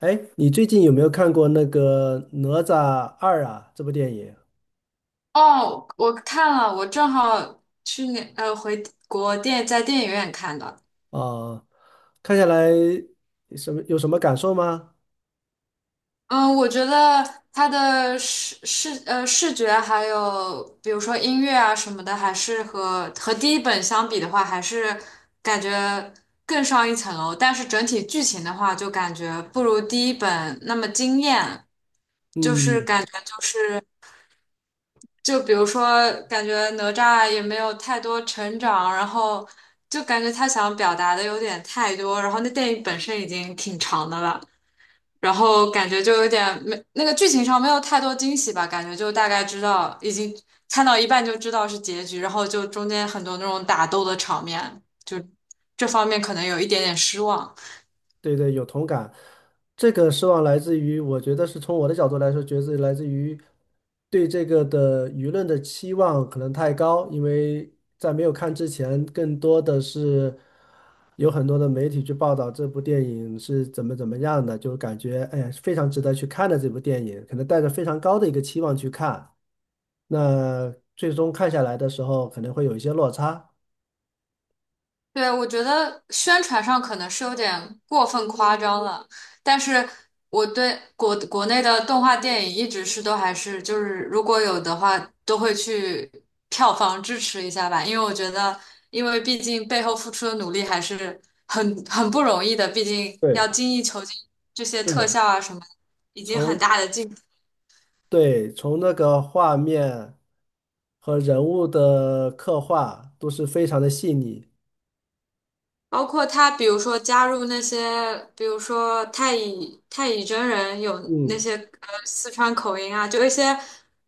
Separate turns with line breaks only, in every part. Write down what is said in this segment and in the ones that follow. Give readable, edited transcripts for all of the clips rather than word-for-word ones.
哎，你最近有没有看过那个《哪吒二》啊？这部电影
哦，我看了，我正好去年回国电在电影院看的。
啊，看下来有什么感受吗？
嗯，我觉得它的视觉还有比如说音乐啊什么的，还是和第一本相比的话，还是感觉更上一层楼。但是整体剧情的话，就感觉不如第一本那么惊艳，就是
嗯，
感。觉。就比如说，感觉哪吒也没有太多成长，然后就感觉他想表达的有点太多，然后那电影本身已经挺长的了，然后感觉就有点没那个剧情上没有太多惊喜吧，感觉就大概知道已经看到一半就知道是结局，然后就中间很多那种打斗的场面，就这方面可能有一点点失望。
对对，有同感。这个失望来自于，我觉得是从我的角度来说，觉得来自于对这个的舆论的期望可能太高，因为在没有看之前，更多的是有很多的媒体去报道这部电影是怎么怎么样的，就感觉哎呀非常值得去看的这部电影，可能带着非常高的一个期望去看，那最终看下来的时候可能会有一些落差。
对，我觉得宣传上可能是有点过分夸张了，但是我对国内的动画电影一直是都还是就是如果有的话，都会去票房支持一下吧，因为我觉得，因为毕竟背后付出的努力还是很不容易的，毕竟要
对，
精益求精，这些
是
特
的，
效啊什么，已经很
从
大的进步。
对，从那个画面和人物的刻画都是非常的细腻。
包括他，比如说加入那些，比如说太乙真人有那
嗯，
些四川口音啊，就一些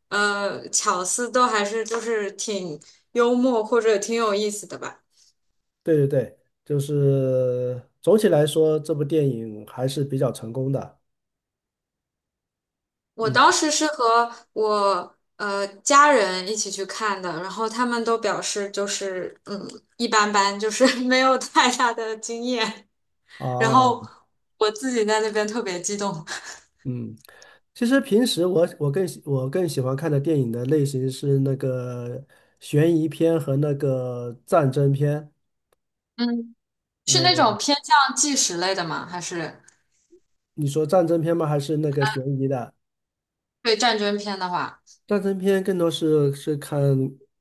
巧思都还是就是挺幽默或者挺有意思的吧。
对对对，就是总体来说，这部电影还是比较成功的。
我
嗯，
当时是和我家人一起去看的，然后他们都表示就是嗯一般般，就是 没有太大的经验。然
哦，
后我自己在那边特别激动，
嗯，其实平时我更喜欢看的电影的类型是那个悬疑片和那个战争片。
嗯，是那
呃，
种偏向纪实类的吗？还是？
你说战争片吗？还是那个悬疑的？
对战争片的话，
战争片更多是看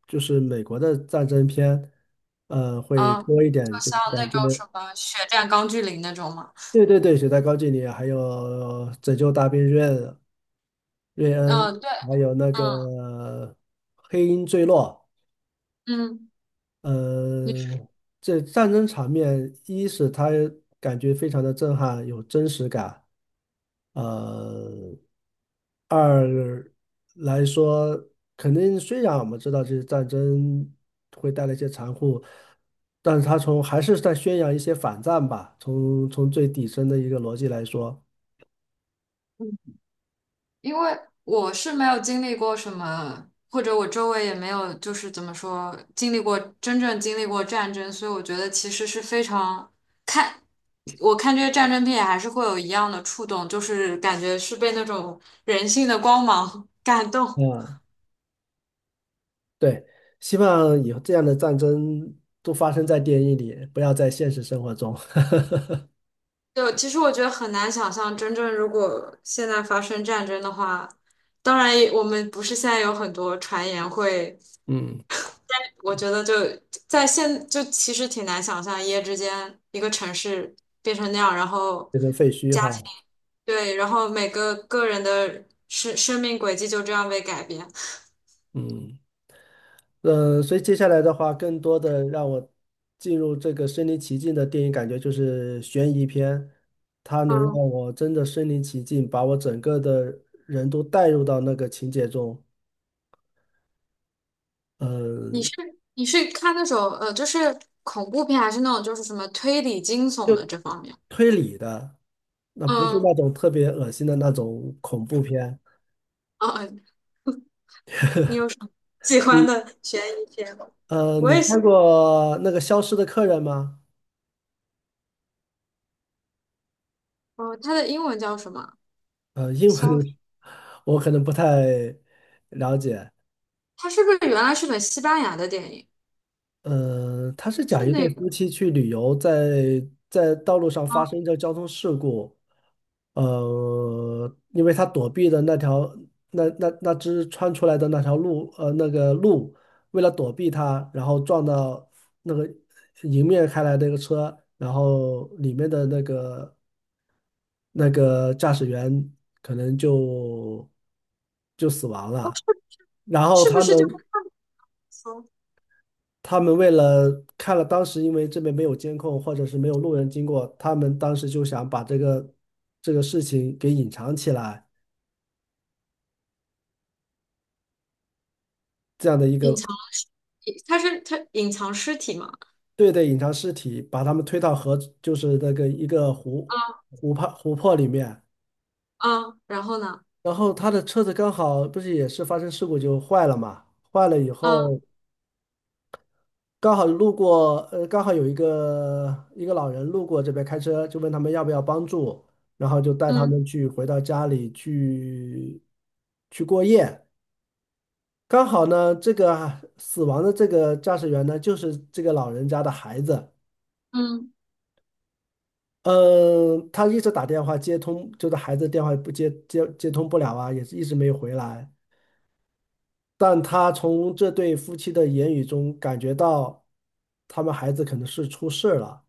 就是美国的战争片，会
嗯，
多一
就
点，就是
像那
感觉
种什么《血战钢锯岭》那种嘛，
对对对，《血战高锯岭》，还有《拯救大兵瑞恩》瑞恩，
嗯，对，
还有那个
嗯
《黑鹰坠落》
嗯，你说，
呃，这战争场面，一是它感觉非常的震撼，有真实感，呃，二来说，肯定虽然我们知道这些战争会带来一些残酷，但是它还是在宣扬一些反战吧，从最底层的一个逻辑来说，
嗯因为我是没有经历过什么，或者我周围也没有，就是怎么说，经历过真正经历过战争，所以我觉得其实是非常看，我看这些战争片还是会有一样的触动，就是感觉是被那种人性的光芒 感动。
啊，对，希望以后这样的战争都发生在电影里，不要在现实生活中，
就其实我觉得很难想象，真正如果现在发生战争的话，当然也我们不是现在有很多传言会，我觉得就在现就其实挺难想象，一夜之间一个城市变成那样，然后
这个废墟哈。
对，然后每个个人的生命轨迹就这样被改变。
嗯，所以接下来的话，更多的让我进入这个身临其境的电影感觉就是悬疑片，它能让
嗯，
我真的身临其境，把我整个的人都带入到那个情节中。
你
嗯，
是你是看那种就是恐怖片，还是那种就是什么推理惊悚的
就
这方面？
推理的，那不是
嗯
那种特别恶心的那种恐怖片。
嗯。嗯你有什么喜欢
你
的悬疑片吗？我
你
也
看
喜，
过那个《消失的客人》吗？
哦，它的英文叫什么？
呃，英
消，
文 我可能不太了解。
它是不是原来是本西班牙的电影？
他是
是
讲一
那
对
个
夫妻去旅游在，在道路上
啊？
发生一个交通事故，因为他躲避的那条那只穿出来的那条路，呃，那个鹿为了躲避他，然后撞到那个迎面开来的一个车，然后里面的那个驾驶员可能就死亡
哦，
了，
是
然后
是不
他
是就是
们。
说
他们为了看了当时因为这边没有监控或者是没有路人经过，他们当时就想把这个事情给隐藏起来，这样的一
隐
个
藏？它是它隐藏尸体嘛？
对对，隐藏尸体，把他们推到河，就是那个一个湖
啊
湖泊里面，
啊，然后呢？
然后他的车子刚好不是也是发生事故就坏了嘛，坏了以
啊
后。刚好路过，呃，刚好有一个老人路过这边开车，就问他们要不要帮助，然后就带他
嗯
们去回到家里去去过夜。刚好呢，这个死亡的这个驾驶员呢，就是这个老人家的孩子。
嗯
嗯，他一直打电话接通，就是孩子电话不接通不了啊，也是一直没有回来。但他从这对夫妻的言语中感觉到，他们孩子可能是出事了。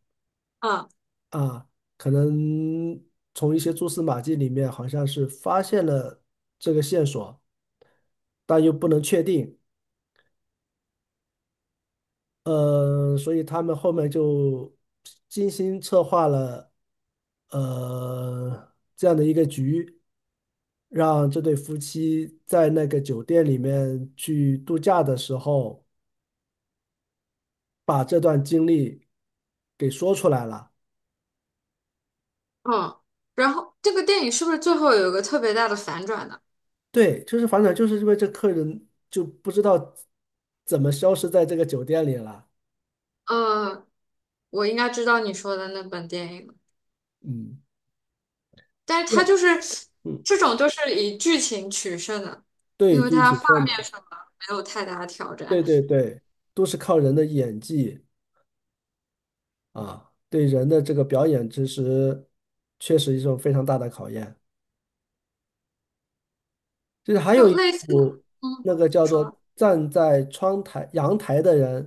啊
啊，可能从一些蛛丝马迹里面，好像是发现了这个线索，但又不能确定。所以他们后面就精心策划了，这样的一个局，让这对夫妻在那个酒店里面去度假的时候，把这段经历给说出来了。
哦，然后这个电影是不是最后有一个特别大的反转呢？
对，就是反转，就是因为这客人就不知道怎么消失在这个酒店里了。
嗯，我应该知道你说的那本电影了。
嗯，
但是
对
它就是
嗯，
这种都是以剧情取胜的，因
对，
为
就一
它
起
画
转嘛
面上么没有太大的挑战，
对对对，都是靠人的演技啊，对人的这个表演知识，确实一种非常大的考验。就是还
就
有一
类似，
部
嗯，
那个叫做
说
《站在窗台阳台的人》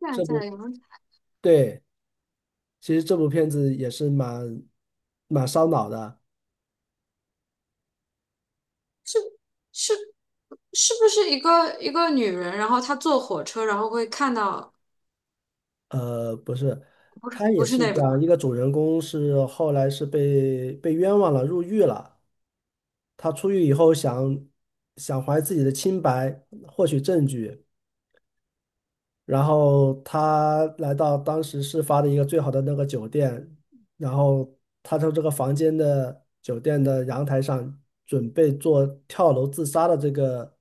现
这部，
在有人
对，其实这部片子也是蛮烧脑的。
是是是不是一个女人，然后她坐火车，然后会看到
不是，他
不
也
是
是
那个，
讲一个主人公是后来是被冤枉了，入狱了。他出狱以后想怀自己的清白，获取证据，然后他来到当时事发的一个最好的那个酒店，然后他从这个房间的酒店的阳台上准备做跳楼自杀的这个。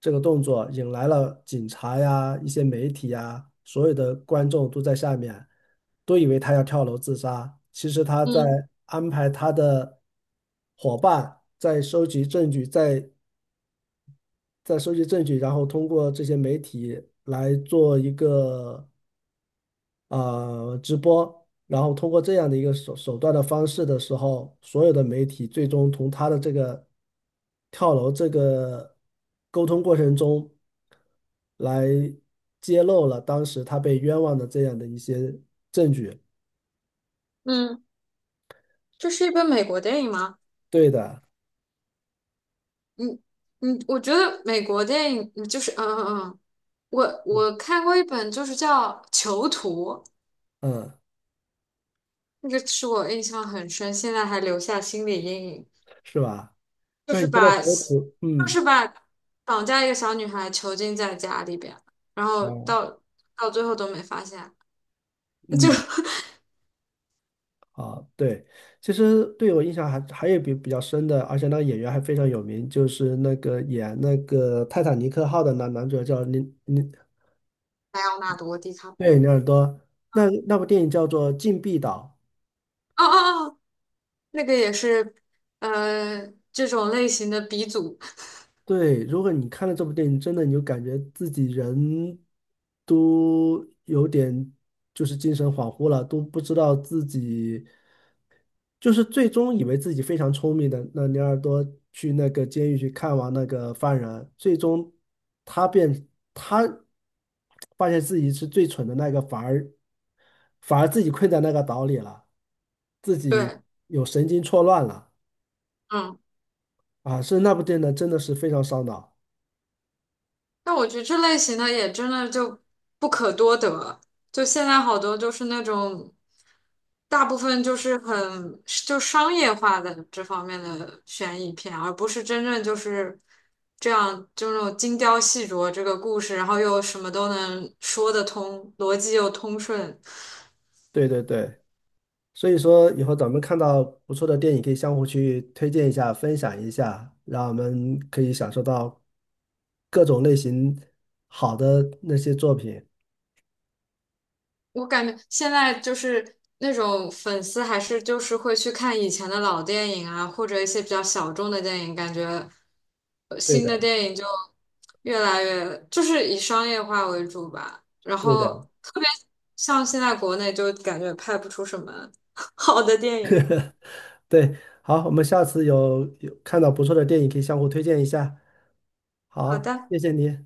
这个动作引来了警察呀、一些媒体呀，所有的观众都在下面，都以为他要跳楼自杀。其实他在
嗯
安排他的伙伴在收集证据，在在收集证据，然后通过这些媒体来做一个啊，直播，然后通过这样的一个手段的方式的时候，所有的媒体最终从他的这个跳楼这个沟通过程中来揭露了当时他被冤枉的这样的一些证据。
嗯，这是一本美国电影吗？
对的，
嗯嗯，我觉得美国电影嗯就是嗯嗯嗯，我看过一本就是叫《囚徒》，
嗯，
那个是我印象很深，现在还留下心理阴影。
是吧？
就
那
是
你说的
把
小组，
就
嗯
是把绑架一个小女孩囚禁在家里边，然后
哦，
到最后都没发现，就
嗯。啊，对，其实对我印象还有比较深的，而且那个演员还非常有名，就是那个演那个《泰坦尼克号》的男主角叫尼尼，
莱昂纳多·迪卡，哦
对，尼尔多。那那部电影叫做《禁闭岛》。
哦哦，那个也是这种类型的鼻祖，
对，如果你看了这部电影，真的你就感觉自己人都有点就是精神恍惚了，都不知道自己。就是最终以为自己非常聪明的那尼尔多去那个监狱去看望那个犯人，最终他变他发现自己是最蠢的那个，反而自己困在那个岛里了，自己
对，
有神经错乱了
嗯。
啊！是那部电影真的是非常烧脑。
但我觉得这类型的也真的就不可多得，就现在好多就是那种，大部分就是很就商业化的这方面的悬疑片，而不是真正就是这样就那种精雕细琢这个故事，然后又什么都能说得通，逻辑又通顺，
对对对，所以说以后咱们看到不错的电影，可以相互去推荐一下、分享一下，让我们可以享受到各种类型好的那些作品。
我感觉现在就是那种粉丝还是就是会去看以前的老电影啊，或者一些比较小众的电影，感觉
对
新的
的，
电影就越来越就是以商业化为主吧。然
对
后
的，
特别像现在国内就感觉拍不出什么 好的电影。
对。好，我们下次有看到不错的电影，可以相互推荐一下。
好
好，
的。
谢谢你。